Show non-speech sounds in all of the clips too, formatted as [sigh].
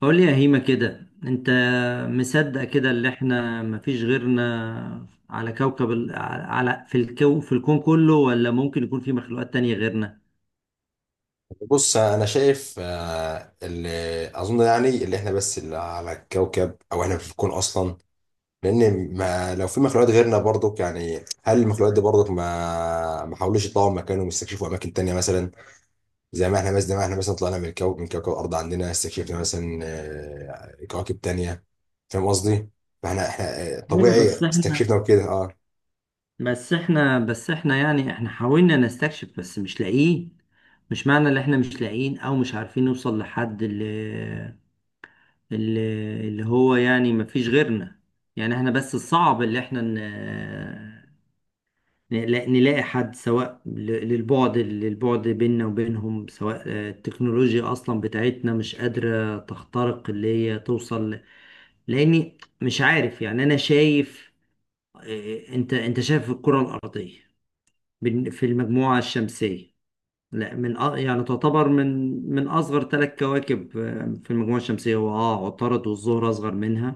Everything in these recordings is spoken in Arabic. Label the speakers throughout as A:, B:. A: قول لي يا هيما كده، انت مصدق كده اللي احنا مفيش غيرنا على كوكب ال... على على- في الكو... في الكون كله، ولا ممكن يكون في مخلوقات تانية غيرنا؟
B: بص انا شايف اللي اظن يعني اللي احنا بس اللي على الكوكب او احنا في الكون اصلا. لان ما لو في مخلوقات غيرنا برضك، يعني هل المخلوقات دي برضك ما حاولوش يطلعوا مكانهم يستكشفوا اماكن تانية مثلا؟ زي ما احنا مثلا طلعنا من الكوكب، من كوكب الارض، عندنا استكشفنا مثلا كواكب تانية. فاهم قصدي؟ احنا
A: ايوه، بس
B: طبيعي
A: احنا
B: استكشفنا وكده. اه.
A: بس احنا بس احنا يعني احنا حاولنا نستكشف بس مش لاقيين. مش معنى ان احنا مش لاقيين او مش عارفين نوصل لحد اللي, اللي هو، يعني مفيش غيرنا. يعني احنا بس الصعب اللي احنا نلاقي حد، سواء للبعد بيننا وبينهم، سواء التكنولوجيا أصلا بتاعتنا مش قادرة تخترق اللي هي توصل لأني مش عارف. يعني أنا شايف، أنت شايف الكرة الأرضية في المجموعة الشمسية، لا يعني تعتبر من أصغر ثلاث كواكب في المجموعة الشمسية، هو عطارد والزهرة أصغر منها،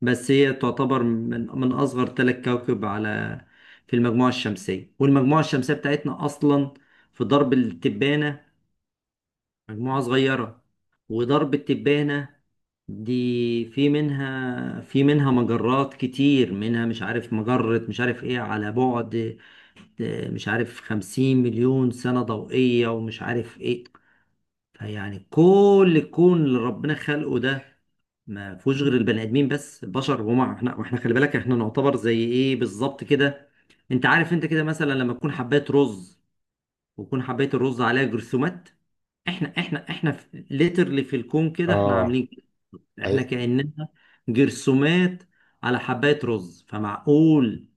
A: بس هي تعتبر من أصغر ثلاث كواكب في المجموعة الشمسية. والمجموعة الشمسية بتاعتنا أصلا في درب التبانة مجموعة صغيرة، وضرب التبانة دي في منها مجرات كتير، منها مش عارف مجرة مش عارف ايه، على بعد مش عارف 50 مليون سنة ضوئية ومش عارف ايه. فيعني كل الكون اللي ربنا خلقه ده ما فيهوش غير البني ادمين بس، بشر. وما احنا واحنا خلي بالك احنا نعتبر زي ايه بالظبط كده؟ انت عارف انت كده مثلا لما تكون حبايه رز، وتكون حبايه الرز عليها جرثومات، احنا ليترلي في literally في الكون كده احنا عاملين، احنا
B: اه.
A: كأننا جرثومات على حبات رز. فمعقول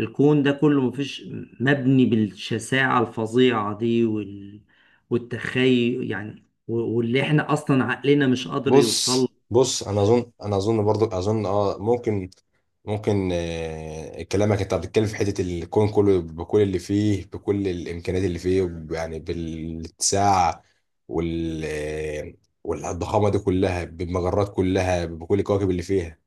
A: الكون ده كله مفيش، مبني بالشساعة الفظيعة دي والتخيل، يعني واللي احنا اصلا عقلنا مش قادر يوصل.
B: بص انا اظن برضو اظن اه، ممكن. كلامك انت بتتكلم في حته الكون كله، بكل اللي فيه، بكل الامكانيات اللي فيه، يعني بالاتساع وال آه، والضخامه دي كلها، بالمجرات كلها، بكل الكواكب اللي فيها.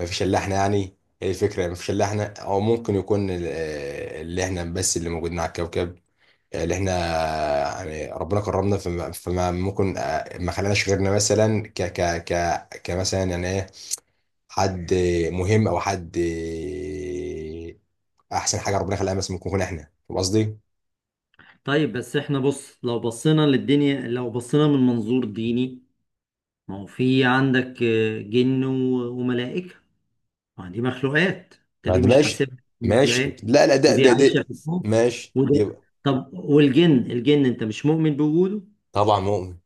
B: مفيش الا احنا، يعني هي الفكره مفيش الا احنا، او ممكن يكون اللي احنا بس اللي موجودين على الكوكب. اللي احنا يعني ربنا كرمنا فما ممكن ما خلاناش غيرنا مثلا ك ك ك كمثلا يعني ايه، حد مهم، او حد احسن حاجه ربنا خلاها مثلا ممكن نكون احنا. فاهم قصدي؟
A: طيب بس احنا بص، لو بصينا للدنيا، لو بصينا من منظور ديني، ما هو في عندك جن وملائكة، ما دي مخلوقات، انت
B: ما
A: ليه
B: ده
A: مش
B: ماشي.
A: حاسبها
B: ماشي،
A: مخلوقات؟
B: لا لا، ده
A: ودي
B: ده
A: عايشه
B: ده
A: في الكون،
B: ماشي دي
A: وده.
B: بقى.
A: طب والجن انت مش مؤمن بوجوده؟
B: طبعا مؤمن.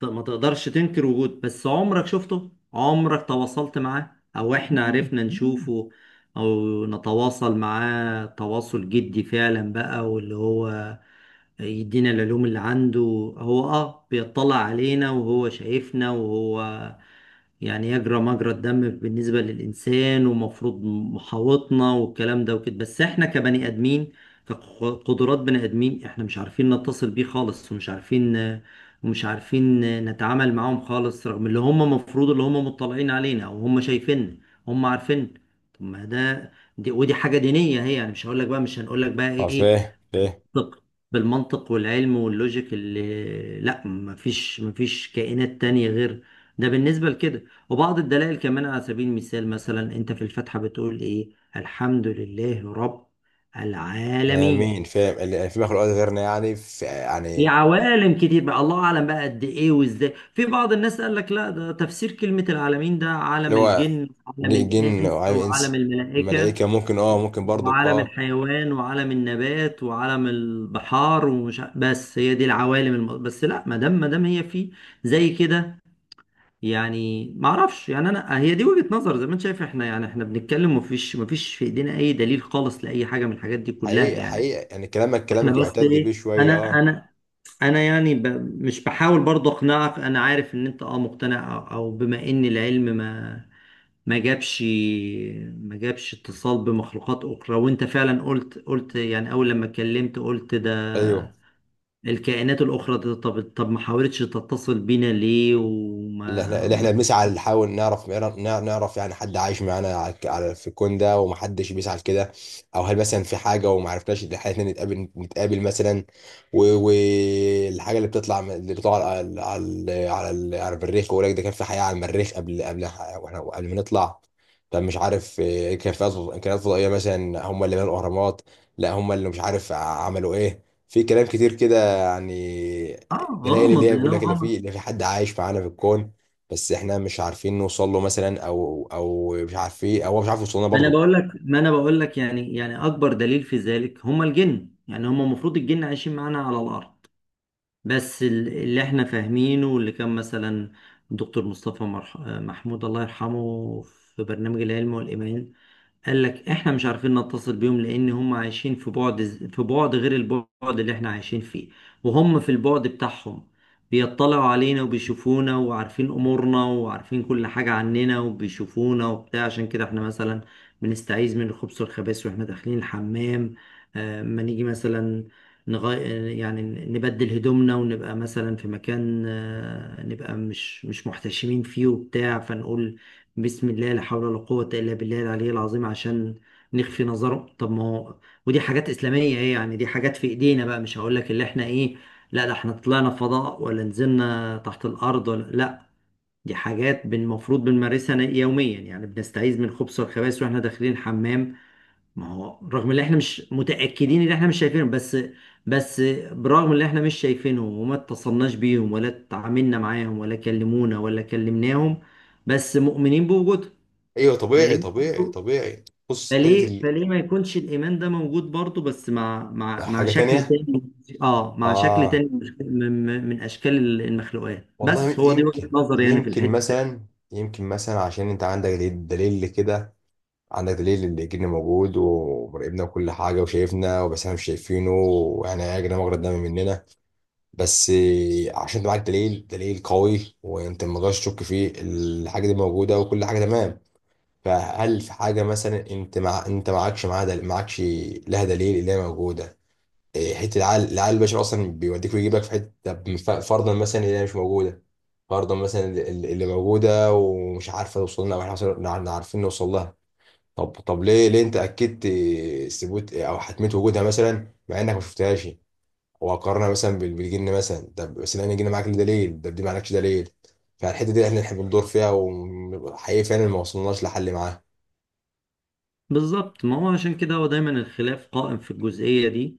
A: طب ما تقدرش تنكر وجوده، بس عمرك شفته؟ عمرك تواصلت معاه؟ او احنا عرفنا نشوفه او نتواصل معاه تواصل جدي فعلا بقى، واللي هو يدينا العلوم اللي عنده؟ هو بيطلع علينا، وهو شايفنا، وهو يعني يجرى مجرى الدم بالنسبة للإنسان، ومفروض محاوطنا والكلام ده وكده. بس إحنا كبني آدمين، كقدرات بني آدمين، إحنا مش عارفين نتصل بيه خالص، ومش عارفين نتعامل معاهم خالص، رغم اللي هم مفروض اللي هم مطلعين علينا، أو هم شايفيننا، هم عارفين. طب ما ده، ودي حاجة دينية هي، يعني مش هقول لك بقى، مش هنقول لك بقى
B: اه،
A: إيه،
B: فاهم.
A: بالمنطق بالمنطق والعلم واللوجيك، اللي لا، مفيش كائنات تانية غير. ده بالنسبة لكده. وبعض الدلائل كمان، على سبيل المثال، مثلا انت في الفاتحة بتقول ايه؟ الحمد لله رب
B: ده
A: العالمين،
B: مين فاهم اللي في مخلوقات غيرنا؟ يعني في،
A: في
B: يعني
A: عوالم كتير بقى، الله اعلم بقى قد ايه وازاي. في بعض الناس قال لك لا، ده تفسير كلمة العالمين ده
B: اللي
A: عالم
B: هو
A: الجن وعالم
B: جن
A: الانس
B: وعالم
A: وعالم
B: انس
A: الملائكة
B: ملائكه ممكن، اه ممكن برضك
A: وعالم
B: اه.
A: الحيوان وعالم النبات وعالم البحار، بس هي دي العوالم بس لا، ما دام هي في زي كده، يعني ما اعرفش. يعني انا هي دي وجهة نظر، زي ما انت شايف احنا يعني احنا بنتكلم، ومفيش في ايدينا اي دليل خالص لاي حاجة من الحاجات دي كلها،
B: حقيقة
A: يعني.
B: حقيقة يعني كلامك
A: احنا
B: كلامك
A: بس
B: يعتد بيه
A: ايه،
B: شوية
A: انا
B: اه.
A: انا انا يعني مش بحاول برضه اقنعك، انا عارف ان انت مقتنع، او بما ان العلم ما جابش اتصال بمخلوقات أخرى. وأنت فعلا قلت يعني أول لما اتكلمت قلت
B: ايوه.
A: ده الكائنات الأخرى ده، طب ما حاولتش تتصل بينا ليه، وما
B: اللي احنا بنسعى نحاول نعرف، يعني حد عايش معانا في الكون ده، ومحدش بيسعى لكده. او هل مثلا في حاجه وما عرفناش ان احنا نتقابل مثلا؟ والحاجه اللي اللي بتطلع على المريخ، ويقول لك ده كان في حياه على المريخ قبل، قبل واحنا قبل ما نطلع. طب مش عارف كان في كائنات فضائيه مثلا هم اللي بنوا الاهرامات؟ لا، هم اللي مش عارف عملوا ايه. في كلام كتير كده يعني، دلائل اللي
A: غامض
B: هي
A: أنا
B: بيقول لك
A: [laughs]
B: اللي
A: غامض.
B: في، حد عايش معانا في الكون، بس احنا مش عارفين نوصل له مثلا، او او مش عارفين، او هو مش عارف يوصل لنا
A: ما أنا
B: برضو.
A: بقول لك ما أنا بقول لك يعني، أكبر دليل في ذلك هم الجن. يعني هم المفروض الجن عايشين معانا على الأرض، بس اللي احنا فاهمينه، واللي كان مثلا دكتور مصطفى محمود الله يرحمه في برنامج العلم والإيمان، قال لك احنا مش عارفين نتصل بيهم لان هم عايشين في بعد، في بعد غير البعد اللي احنا عايشين فيه، وهم في البعد بتاعهم بيطلعوا علينا وبيشوفونا وعارفين امورنا وعارفين كل حاجة عننا وبيشوفونا وبتاع. عشان كده احنا مثلا بنستعيذ من الخبث والخبائث واحنا داخلين الحمام، ما نيجي مثلا نغي... يعني نبدل هدومنا ونبقى مثلا في مكان نبقى مش محتشمين فيه وبتاع، فنقول بسم الله لا حول ولا قوة إلا بالله العلي العظيم عشان نخفي نظرهم. طب ما هو، ودي حاجات إسلامية، إيه يعني، دي حاجات في إيدينا بقى، مش هقول لك اللي إحنا إيه، لا ده إحنا طلعنا فضاء، ولا نزلنا تحت الأرض، ولا لا، دي حاجات المفروض بنمارسها يوميا، يعني بنستعيذ من الخبث والخبائث وإحنا داخلين الحمام. ما هو رغم إن إحنا مش متأكدين، إن إحنا مش شايفينهم بس، بس برغم إن إحنا مش شايفينهم وما اتصلناش بيهم ولا اتعاملنا معاهم ولا كلمونا ولا كلمناهم، بس مؤمنين بوجودهم.
B: ايوه طبيعي،
A: فليه
B: طبيعي،
A: برضه،
B: طبيعي. بص حته
A: فليه
B: ال...
A: فليه ما يكونش الإيمان ده موجود برضه، بس مع مع
B: حاجه
A: شكل
B: تانية.
A: تاني، اه مع شكل
B: اه.
A: تاني، من أشكال المخلوقات؟
B: والله
A: بس هو دي
B: يمكن،
A: وجهة نظر، يعني في
B: يمكن
A: الحتة دي.
B: مثلا، يمكن مثلا عشان انت عندك دليل، دليل كده. عندك دليل اللي جن موجود ومراقبنا وكل حاجه وشايفنا، بس احنا مش شايفينه واحنا يا جدعان مجرد دم مننا، بس عشان انت معاك دليل، دليل قوي، وانت ما تقدرش تشك فيه، الحاجه دي موجوده وكل حاجه تمام. فهل في حاجة مثلا انت مع انت معكش معاها دل... معكش لها دليل اللي هي موجودة؟ إيه، حتة العقل، العقل البشري اصلا بيوديك ويجيبك في حتة. طب فرضا مثلا اللي هي مش موجودة، فرضا مثلا اللي موجودة ومش عارفة توصل لنا، او احنا عارفين نوصل لها، طب ليه انت اكدت ثبوت او حتمية وجودها مثلا مع انك ما شفتهاش؟ وقارنها مثلا بالجن مثلا. طب بس لان الجن معاك ليه دليل، طب دي معكش دليل. فالحتة دي احنا، احنا بندور فيها وحقيقي فعلا ما وصلناش لحل معاها.
A: بالظبط، ما هو عشان كده هو دايما الخلاف قائم في الجزئية دي،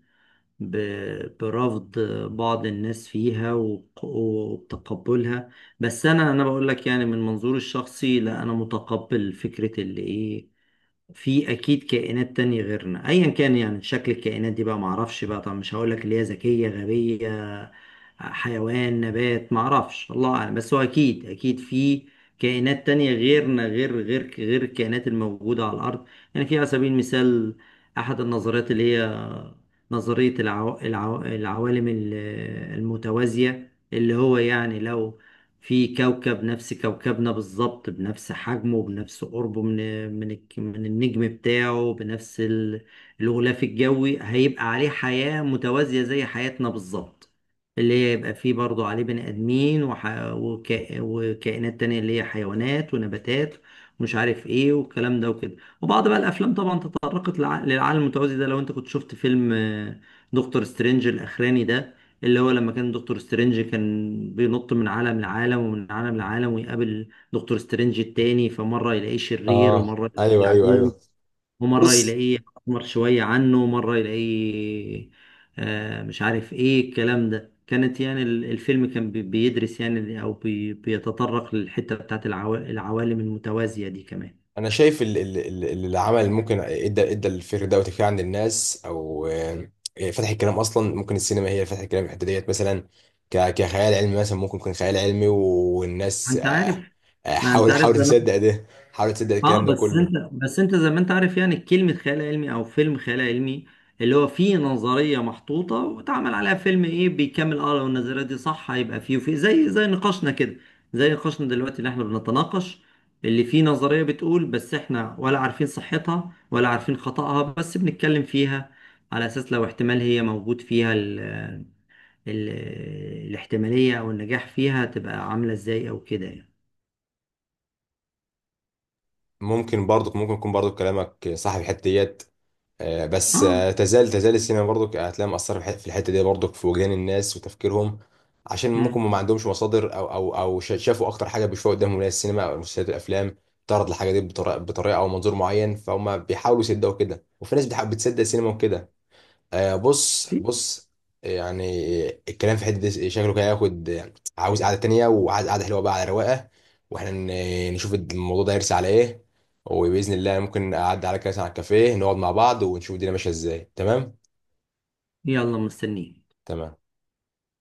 A: برفض بعض الناس فيها، وتقبلها. بس انا بقول لك، يعني من منظوري الشخصي، لا، انا متقبل فكرة اللي ايه، في اكيد كائنات تانية غيرنا، ايا كان يعني شكل الكائنات دي بقى، معرفش بقى، طب مش هقول لك اللي هي ذكية غبية حيوان نبات، معرفش الله اعلم، بس هو اكيد اكيد في كائنات تانية غيرنا، غير غير الكائنات الموجودة على الارض. يعني في على سبيل المثال احد النظريات اللي هي نظرية العوالم المتوازية، اللي هو يعني لو في كوكب نفس كوكبنا بالظبط، بنفس حجمه، بنفس قربه من من النجم بتاعه، بنفس الغلاف الجوي، هيبقى عليه حياة متوازية زي حياتنا بالظبط، اللي هي يبقى فيه برضه عليه بني آدمين وكائنات تانية اللي هي حيوانات ونباتات ومش عارف ايه والكلام ده وكده. وبعض بقى الافلام طبعا تطرقت للعالم المتوازي ده، لو انت كنت شفت فيلم دكتور سترينج الاخراني ده، اللي هو لما كان دكتور سترينج كان بينط من عالم لعالم ومن عالم لعالم ويقابل دكتور سترينج التاني، فمرة يلاقيه شرير،
B: اه
A: ومرة
B: ايوه،
A: يلاقيه
B: ايوه،
A: عجوز،
B: ايوه.
A: ومرة
B: بص
A: يلاقيه أحمر شوية عنه، ومرة يلاقيه مش عارف إيه الكلام ده. كانت يعني الفيلم كان بيدرس يعني، أو بيتطرق للحتة بتاعت العوالم المتوازية دي كمان.
B: انا شايف العمل اللي ممكن ادى الفكر ده وتفكير عند الناس، او فتح الكلام اصلا، ممكن السينما هي اللي فتحت الكلام في الحته ديت مثلا، كخيال علمي مثلا، ممكن يكون خيال علمي
A: ما
B: والناس
A: أنت عارف ما أنت عارف
B: حاول تصدق ده، حاول تصدق
A: اه،
B: الكلام ده
A: بس
B: كله.
A: انت زي ما انت عارف يعني كلمة خيال علمي او فيلم خيال علمي، اللي هو فيه نظرية محطوطة واتعمل عليها فيلم، ايه بيكمل، لو النظرية دي صح هيبقى فيه وفيه، زي نقاشنا كده، زي نقاشنا دلوقتي اللي احنا بنتناقش، اللي فيه نظرية بتقول، بس احنا ولا عارفين صحتها ولا عارفين خطأها، بس بنتكلم فيها على اساس لو احتمال هي موجود فيها ال الاحتمالية او النجاح فيها تبقى عاملة ازاي او كده يعني.
B: ممكن برضك، ممكن يكون برضك كلامك صح في الحته ديت بس
A: اه.
B: تزال السينما برضك هتلاقيها مأثرة في الحتة دي برضك في وجدان الناس وتفكيرهم، عشان ممكن
A: مم.
B: ما عندهمش مصادر، أو شافوا أكتر حاجة بيشوفوها قدامهم اللي هي السينما أو المسلسلات الأفلام تعرض الحاجة دي بطريقة أو منظور معين، فهم بيحاولوا يصدقوا كده، وفي ناس بتصدق السينما وكده. آه، بص
A: في،
B: بص يعني الكلام في حته دي شكله كده ياخد، عاوز قعده تانية وعايز قعده حلوه بقى على رواقه، واحنا نشوف الموضوع ده يرسى على ايه. وباذن الله ممكن اعدي على كاس، على الكافيه، نقعد مع بعض ونشوف الدنيا ماشيه ازاي. تمام.
A: يلا مستنيين.
B: تمام.